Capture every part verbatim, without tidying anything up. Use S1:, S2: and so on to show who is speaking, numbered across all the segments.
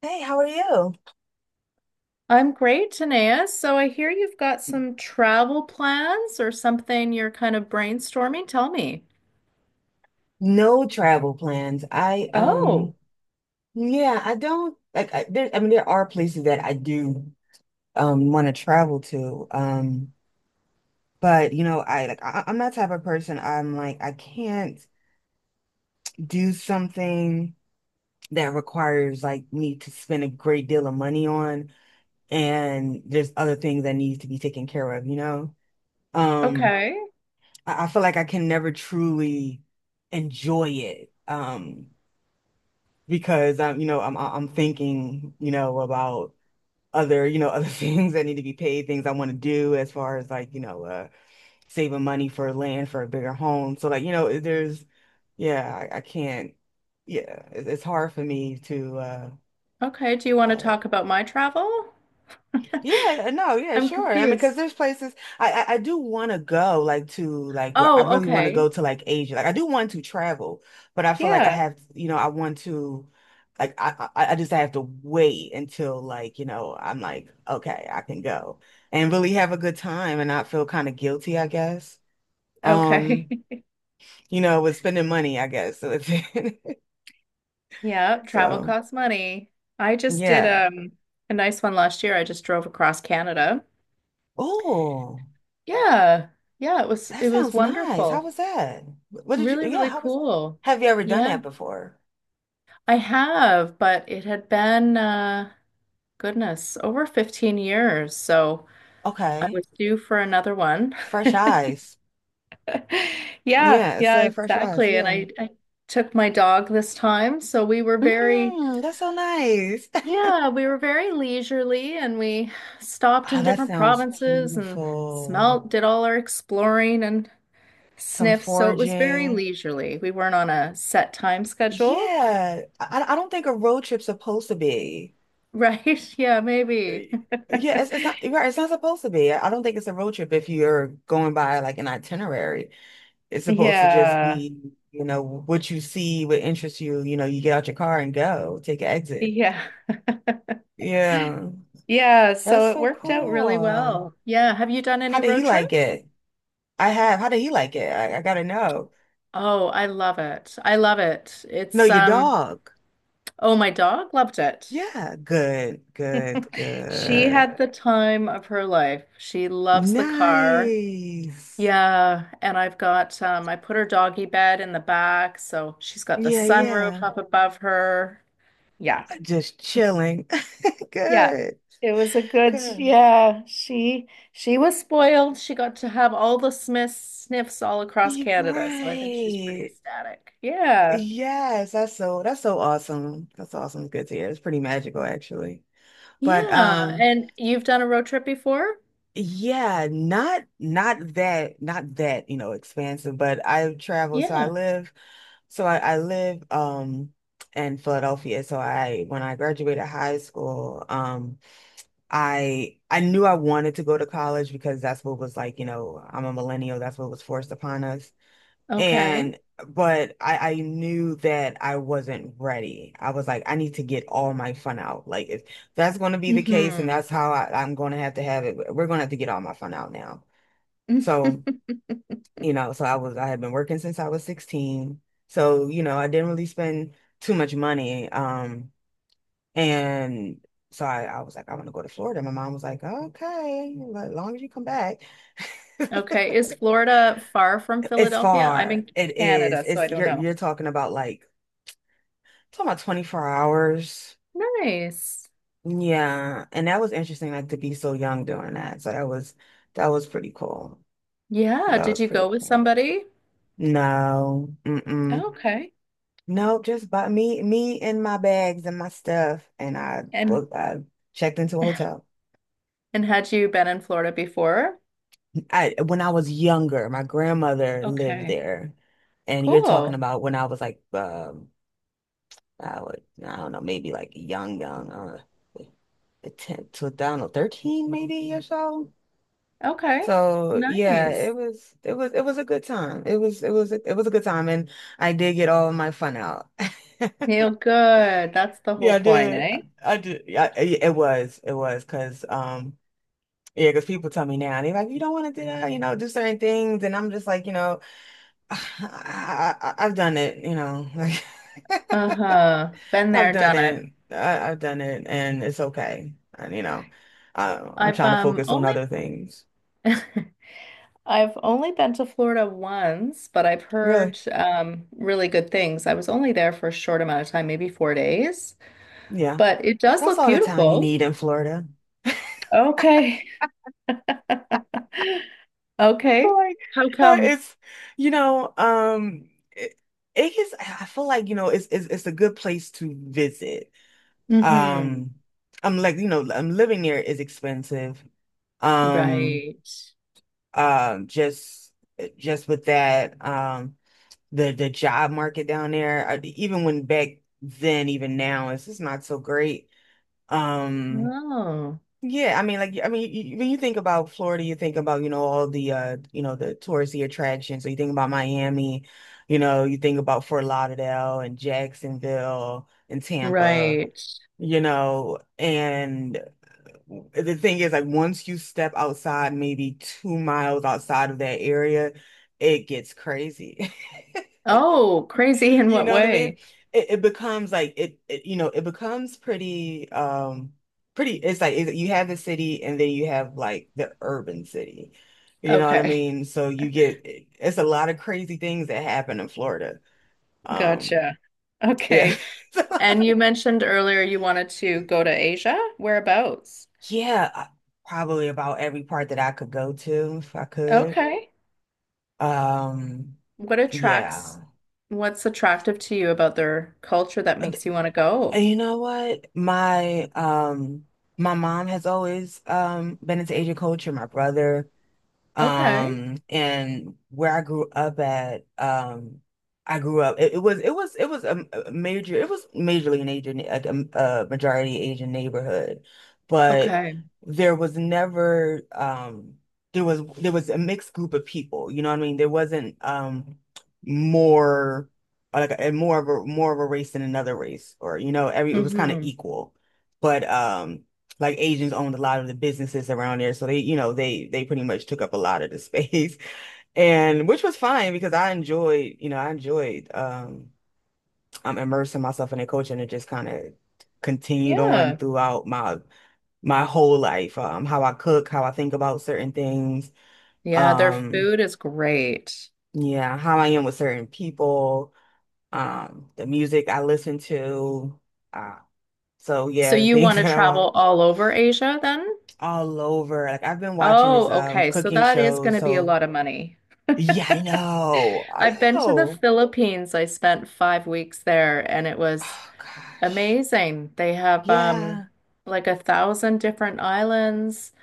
S1: Hey, how are you?
S2: I'm great, Tanea. So I hear you've got some travel plans or something you're kind of brainstorming. Tell me.
S1: No travel plans. I um
S2: Oh,
S1: Yeah, I don't like— I, there— I mean, there are places that I do um want to travel to. Um but you know, I— like I, I'm that type of person. I'm like, I can't do something that requires, like, me to spend a great deal of money on, and there's other things that need to be taken care of, you know? Um
S2: okay.
S1: I, I feel like I can never truly enjoy it. Um because I'm, you know, I'm I'm thinking, you know, about other, you know, other things that need to be paid, things I want to do as far as, like, you know, uh saving money for land for a bigger home. So like, you know, there's— yeah, I, I can't— yeah, it, it's hard for me to uh
S2: Okay. Do you want to
S1: uh
S2: talk about my travel?
S1: yeah, uh, no, yeah,
S2: I'm
S1: sure. I mean, because
S2: confused.
S1: there's places I I, I do want to go, like— to, like, where I
S2: Oh,
S1: really want to go
S2: okay.
S1: to, like, Asia. Like, I do want to travel, but I feel like I
S2: Yeah.
S1: have, you know, I want to, like I I, I just have to wait until, like, you know, I'm like, okay, I can go and really have a good time and not feel kind of guilty, I guess.
S2: Okay.
S1: Um, you know, with spending money, I guess. So,
S2: Yeah, travel
S1: so
S2: costs money. I just did
S1: yeah.
S2: um a nice one last year. I just drove across Canada.
S1: Oh.
S2: Yeah. Yeah, it was
S1: That
S2: it was
S1: sounds nice. How
S2: wonderful.
S1: was that? What did you—
S2: Really,
S1: yeah,
S2: really
S1: how was—
S2: cool.
S1: have you ever done
S2: Yeah.
S1: that before?
S2: I have, but it had been, uh, goodness, over fifteen years. So I
S1: Okay.
S2: was due for another one.
S1: Fresh eyes.
S2: Yeah,
S1: Yeah, it
S2: yeah,
S1: said fresh eyes.
S2: exactly. And
S1: Yeah.
S2: I, I took my dog this time. So we were very,
S1: Mm, that's so nice.
S2: yeah, we were very leisurely and we stopped
S1: Oh,
S2: in
S1: that
S2: different
S1: sounds
S2: provinces and
S1: beautiful.
S2: smelt, did all our exploring and
S1: Some
S2: sniffs. So it was very
S1: foraging.
S2: leisurely. We weren't on a set time schedule,
S1: Yeah. I, I don't think a road trip's supposed to be.
S2: right? Yeah, maybe.
S1: Yeah, it's, it's not, you're right. It's not supposed to be. I don't think it's a road trip if you're going by, like, an itinerary. It's supposed to just
S2: Yeah.
S1: be, you know, what you see, what interests you, you know, you get out your car and go, take an exit.
S2: Yeah.
S1: Yeah.
S2: Yeah,
S1: That's
S2: so it
S1: so
S2: worked out really
S1: cool.
S2: well. Yeah, have you done
S1: How
S2: any
S1: did he
S2: road
S1: like
S2: trips?
S1: it? I have. How did he like it? I, I gotta know.
S2: Oh, I love it. I love it.
S1: No,
S2: It's
S1: your
S2: um
S1: dog.
S2: Oh, my dog loved it.
S1: Yeah. Good, good,
S2: She
S1: good.
S2: had the time of her life. She loves the car.
S1: Nice.
S2: Yeah, and I've got um I put her doggy bed in the back, so she's got the
S1: Yeah,
S2: sunroof
S1: yeah.
S2: up above her. Yeah.
S1: Just chilling.
S2: Yeah,
S1: Good,
S2: it was a good,
S1: good.
S2: yeah, she she was spoiled. She got to have all the Smiths sniffs all across
S1: You're
S2: Canada, so I think she's pretty
S1: right.
S2: ecstatic. Yeah.
S1: Yes, that's so— that's so awesome. That's awesome. Good to hear. It's pretty magical actually. But
S2: Yeah,
S1: um
S2: and you've done a road trip before?
S1: Yeah, not not that, not that, you know, expansive, but I've traveled, so I
S2: Yeah.
S1: live— so I, I live um in Philadelphia. So I— when I graduated high school, um I I knew I wanted to go to college, because that's what was, like, you know, I'm a millennial, that's what was forced upon us.
S2: Okay.
S1: And but I, I knew that I wasn't ready. I was like, I need to get all my fun out. Like, if that's going to be the case and
S2: hmm
S1: that's how I, I'm going to have to have it, we're going to have to get all my fun out now. So, you know, so I was I had been working since I was sixteen. So, you know, I didn't really spend too much money. Um, and so I, I was like, I want to go to Florida. My mom was like, okay, as long as you come back.
S2: Okay, is Florida far from
S1: It's
S2: Philadelphia? I'm
S1: far.
S2: in
S1: It is.
S2: Canada, so I
S1: It's
S2: don't
S1: you're
S2: know.
S1: you're talking about, like— talking about twenty-four hours.
S2: Nice.
S1: Yeah. And that was interesting, like, to be so young doing that. So that was that was pretty cool.
S2: Yeah,
S1: That
S2: did
S1: was
S2: you
S1: pretty
S2: go with
S1: cool.
S2: somebody?
S1: No. Mm-mm.
S2: Okay.
S1: No, just bought me me and my bags and my stuff. And I
S2: And
S1: booked I checked into a hotel.
S2: and had you been in Florida before?
S1: I When I was younger, my grandmother lived
S2: Okay.
S1: there. And you're talking
S2: Cool.
S1: about when I was, like, um I would I don't know, maybe like young, young, uh ten, to, I don't know, thirteen maybe or so.
S2: Okay.
S1: So yeah,
S2: Nice.
S1: it was it was it was a good time. It was it was it was a good time, and I did get all my fun out.
S2: Feel good. That's the
S1: Yeah, I
S2: whole point,
S1: did.
S2: eh?
S1: I did. Yeah, it it was. It was, because um yeah, because people tell me now, they're like, you don't want to do that, you know, do certain things, and I'm just like, you know, I, I, I've done it, you know, like
S2: Uh-huh. Been
S1: I've
S2: there,
S1: done
S2: done it.
S1: it. I, I've done it, and it's okay. And you know, I, I'm
S2: I've
S1: trying to
S2: um
S1: focus on
S2: only
S1: other things.
S2: I've only been to Florida once, but I've
S1: Really?
S2: heard um really good things. I was only there for a short amount of time, maybe four days,
S1: Yeah,
S2: but it does
S1: that's
S2: look
S1: all the time you
S2: beautiful.
S1: need in Florida.
S2: Okay.
S1: Feel
S2: Okay.
S1: like—
S2: How
S1: uh,
S2: come?
S1: it's, you know, um it, it is, I feel like, you know, it's, it's it's a good place to visit.
S2: Mm-hmm.
S1: um I'm like, you know, I'm— living there is expensive. um
S2: Right.
S1: uh, just, just with that, um the the job market down there— I, even when— back then, even now, it's just not so great. Um,
S2: Oh,
S1: yeah, I mean, like— I mean, you— when you think about Florida, you think about, you know, all the, uh, you know, the touristy attractions. So you think about Miami, you know, you think about Fort Lauderdale and Jacksonville and Tampa,
S2: right.
S1: you know, and the thing is, like, once you step outside, maybe two miles outside of that area, it gets crazy.
S2: Oh, crazy in
S1: You
S2: what
S1: know what I mean?
S2: way?
S1: It, it becomes like— it, it, you know, it becomes pretty, um, pretty— it's like— it, you have the city, and then you have, like, the urban city. You know what I
S2: Okay.
S1: mean? So you get— it's a lot of crazy things that happen in Florida. Um,
S2: Gotcha.
S1: yeah.
S2: Okay. And you mentioned earlier you wanted to go to Asia. Whereabouts?
S1: Yeah, I- probably about every part that I could go to if I could.
S2: Okay.
S1: Um,
S2: What attracts,
S1: yeah.
S2: what's attractive to you about their culture that makes you want to go?
S1: And you know what? My um my mom has always um been into Asian culture. My brother,
S2: Okay.
S1: um, and where I grew up at, um, I grew up. It, it was it was it was a, a major— it was majorly an Asian, a, a majority Asian neighborhood, but
S2: Okay.
S1: there was never um there was there was a mixed group of people. You know what I mean? There wasn't, um more like a, more of a more of a race than another race, or, you know, every— it was kind of
S2: hmm
S1: equal. But um Like, Asians owned a lot of the businesses around there. So they, you know, they they pretty much took up a lot of the space. And which was fine, because I enjoyed, you know, I enjoyed um I'm immersing myself in their culture, and it just kind of continued on
S2: Yeah.
S1: throughout my my whole life. Um how I cook, how I think about certain things,
S2: Yeah, their
S1: um,
S2: food is great.
S1: yeah, how I am with certain people, um, the music I listen to. Uh, so
S2: So
S1: yeah, the
S2: you
S1: things
S2: want to
S1: that I
S2: travel
S1: watch.
S2: all over Asia then?
S1: All over. Like, I've been watching this
S2: Oh,
S1: um
S2: okay. So
S1: cooking
S2: that is
S1: show,
S2: going to be a
S1: so
S2: lot of money.
S1: yeah, I know. I
S2: I've been to the
S1: know.
S2: Philippines. I spent five weeks there and it was
S1: Oh gosh.
S2: amazing. They have um
S1: Yeah,
S2: like a thousand different islands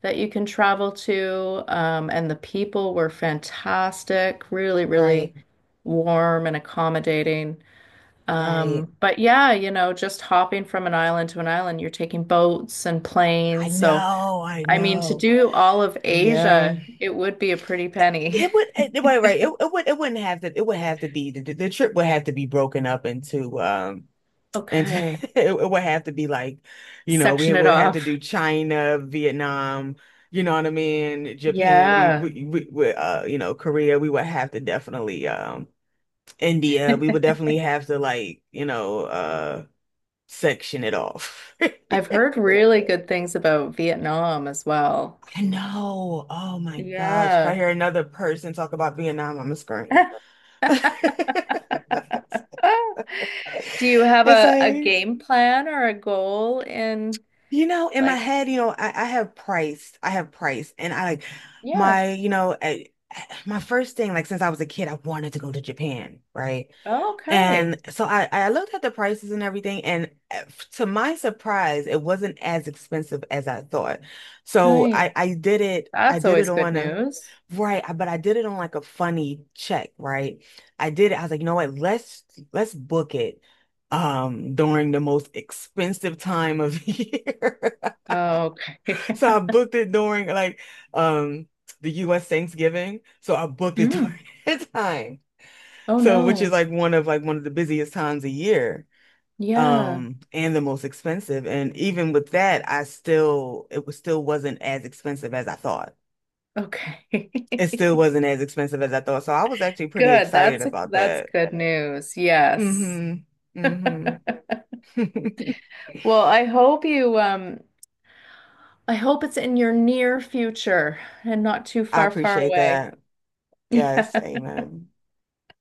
S2: that you can travel to. Um, and the people were fantastic, really,
S1: right,
S2: really warm and accommodating.
S1: right.
S2: Um, but yeah, you know, just hopping from an island to an island, you're taking boats and
S1: I
S2: planes. So,
S1: know, I
S2: I mean, to
S1: know.
S2: do all of
S1: Yeah.
S2: Asia, it would be a pretty
S1: It,
S2: penny.
S1: it would— it, right, right. It, it would— it wouldn't have to— it would have to be— the, the trip would have to be broken up into. um And
S2: Okay,
S1: it would have to be like, you know, we
S2: section it
S1: would have to
S2: off.
S1: do China, Vietnam, you know what I mean? Japan, we,
S2: Yeah,
S1: we, we, we uh, you know, Korea, we would have to, definitely, um, India, we would definitely have to, like, you know, uh, section it off.
S2: I've heard really good things about Vietnam as well.
S1: I know. Oh my gosh. If I
S2: Yeah.
S1: hear another person talk about Vietnam, I'm gonna scream.
S2: Do you have
S1: It's
S2: a, a
S1: like,
S2: game plan or a goal in
S1: you know, in my
S2: like,
S1: head, you know, I, I have price. I have price. And I like
S2: yeah.
S1: my— you know, I, my first thing, like, since I was a kid, I wanted to go to Japan, right?
S2: Okay.
S1: And so I, I looked at the prices and everything, and uh, to my surprise, it wasn't as expensive as I thought. So
S2: Nice.
S1: I, I did it, I
S2: That's
S1: did it
S2: always good
S1: on a—
S2: news.
S1: right, I- but I did it on like a funny check, right? I did it, I was like, you know what, let's let's book it um during the most expensive time of year.
S2: Okay.
S1: So I booked it during, like, um the U S Thanksgiving. So I booked it
S2: Mm.
S1: during that time.
S2: Oh
S1: So, which is
S2: no.
S1: like one of like one of the busiest times a year,
S2: Yeah.
S1: um, and the most expensive. And even with that, I still it was still wasn't as expensive as I thought.
S2: Okay.
S1: It still wasn't as expensive as I thought. So I was actually pretty
S2: Good.
S1: excited
S2: That's
S1: about
S2: that's
S1: that.
S2: good news. Yes.
S1: Hmm. Hmm.
S2: Well, I hope you um I hope it's in your near future and not too
S1: I
S2: far, far
S1: appreciate
S2: away.
S1: that.
S2: Yeah.
S1: Yes, amen.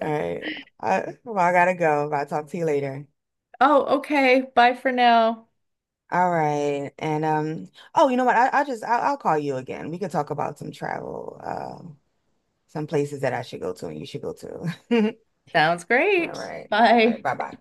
S1: All right. I, well, I gotta go, but I'll talk to you later.
S2: Oh, okay. Bye for now.
S1: All right. And um, oh, you know what? I, i just I'll, I'll call you again. We could talk about some travel. Uh, some places that I should go to and you should go to.
S2: Sounds
S1: All
S2: great.
S1: right. All right.
S2: Bye.
S1: Bye bye.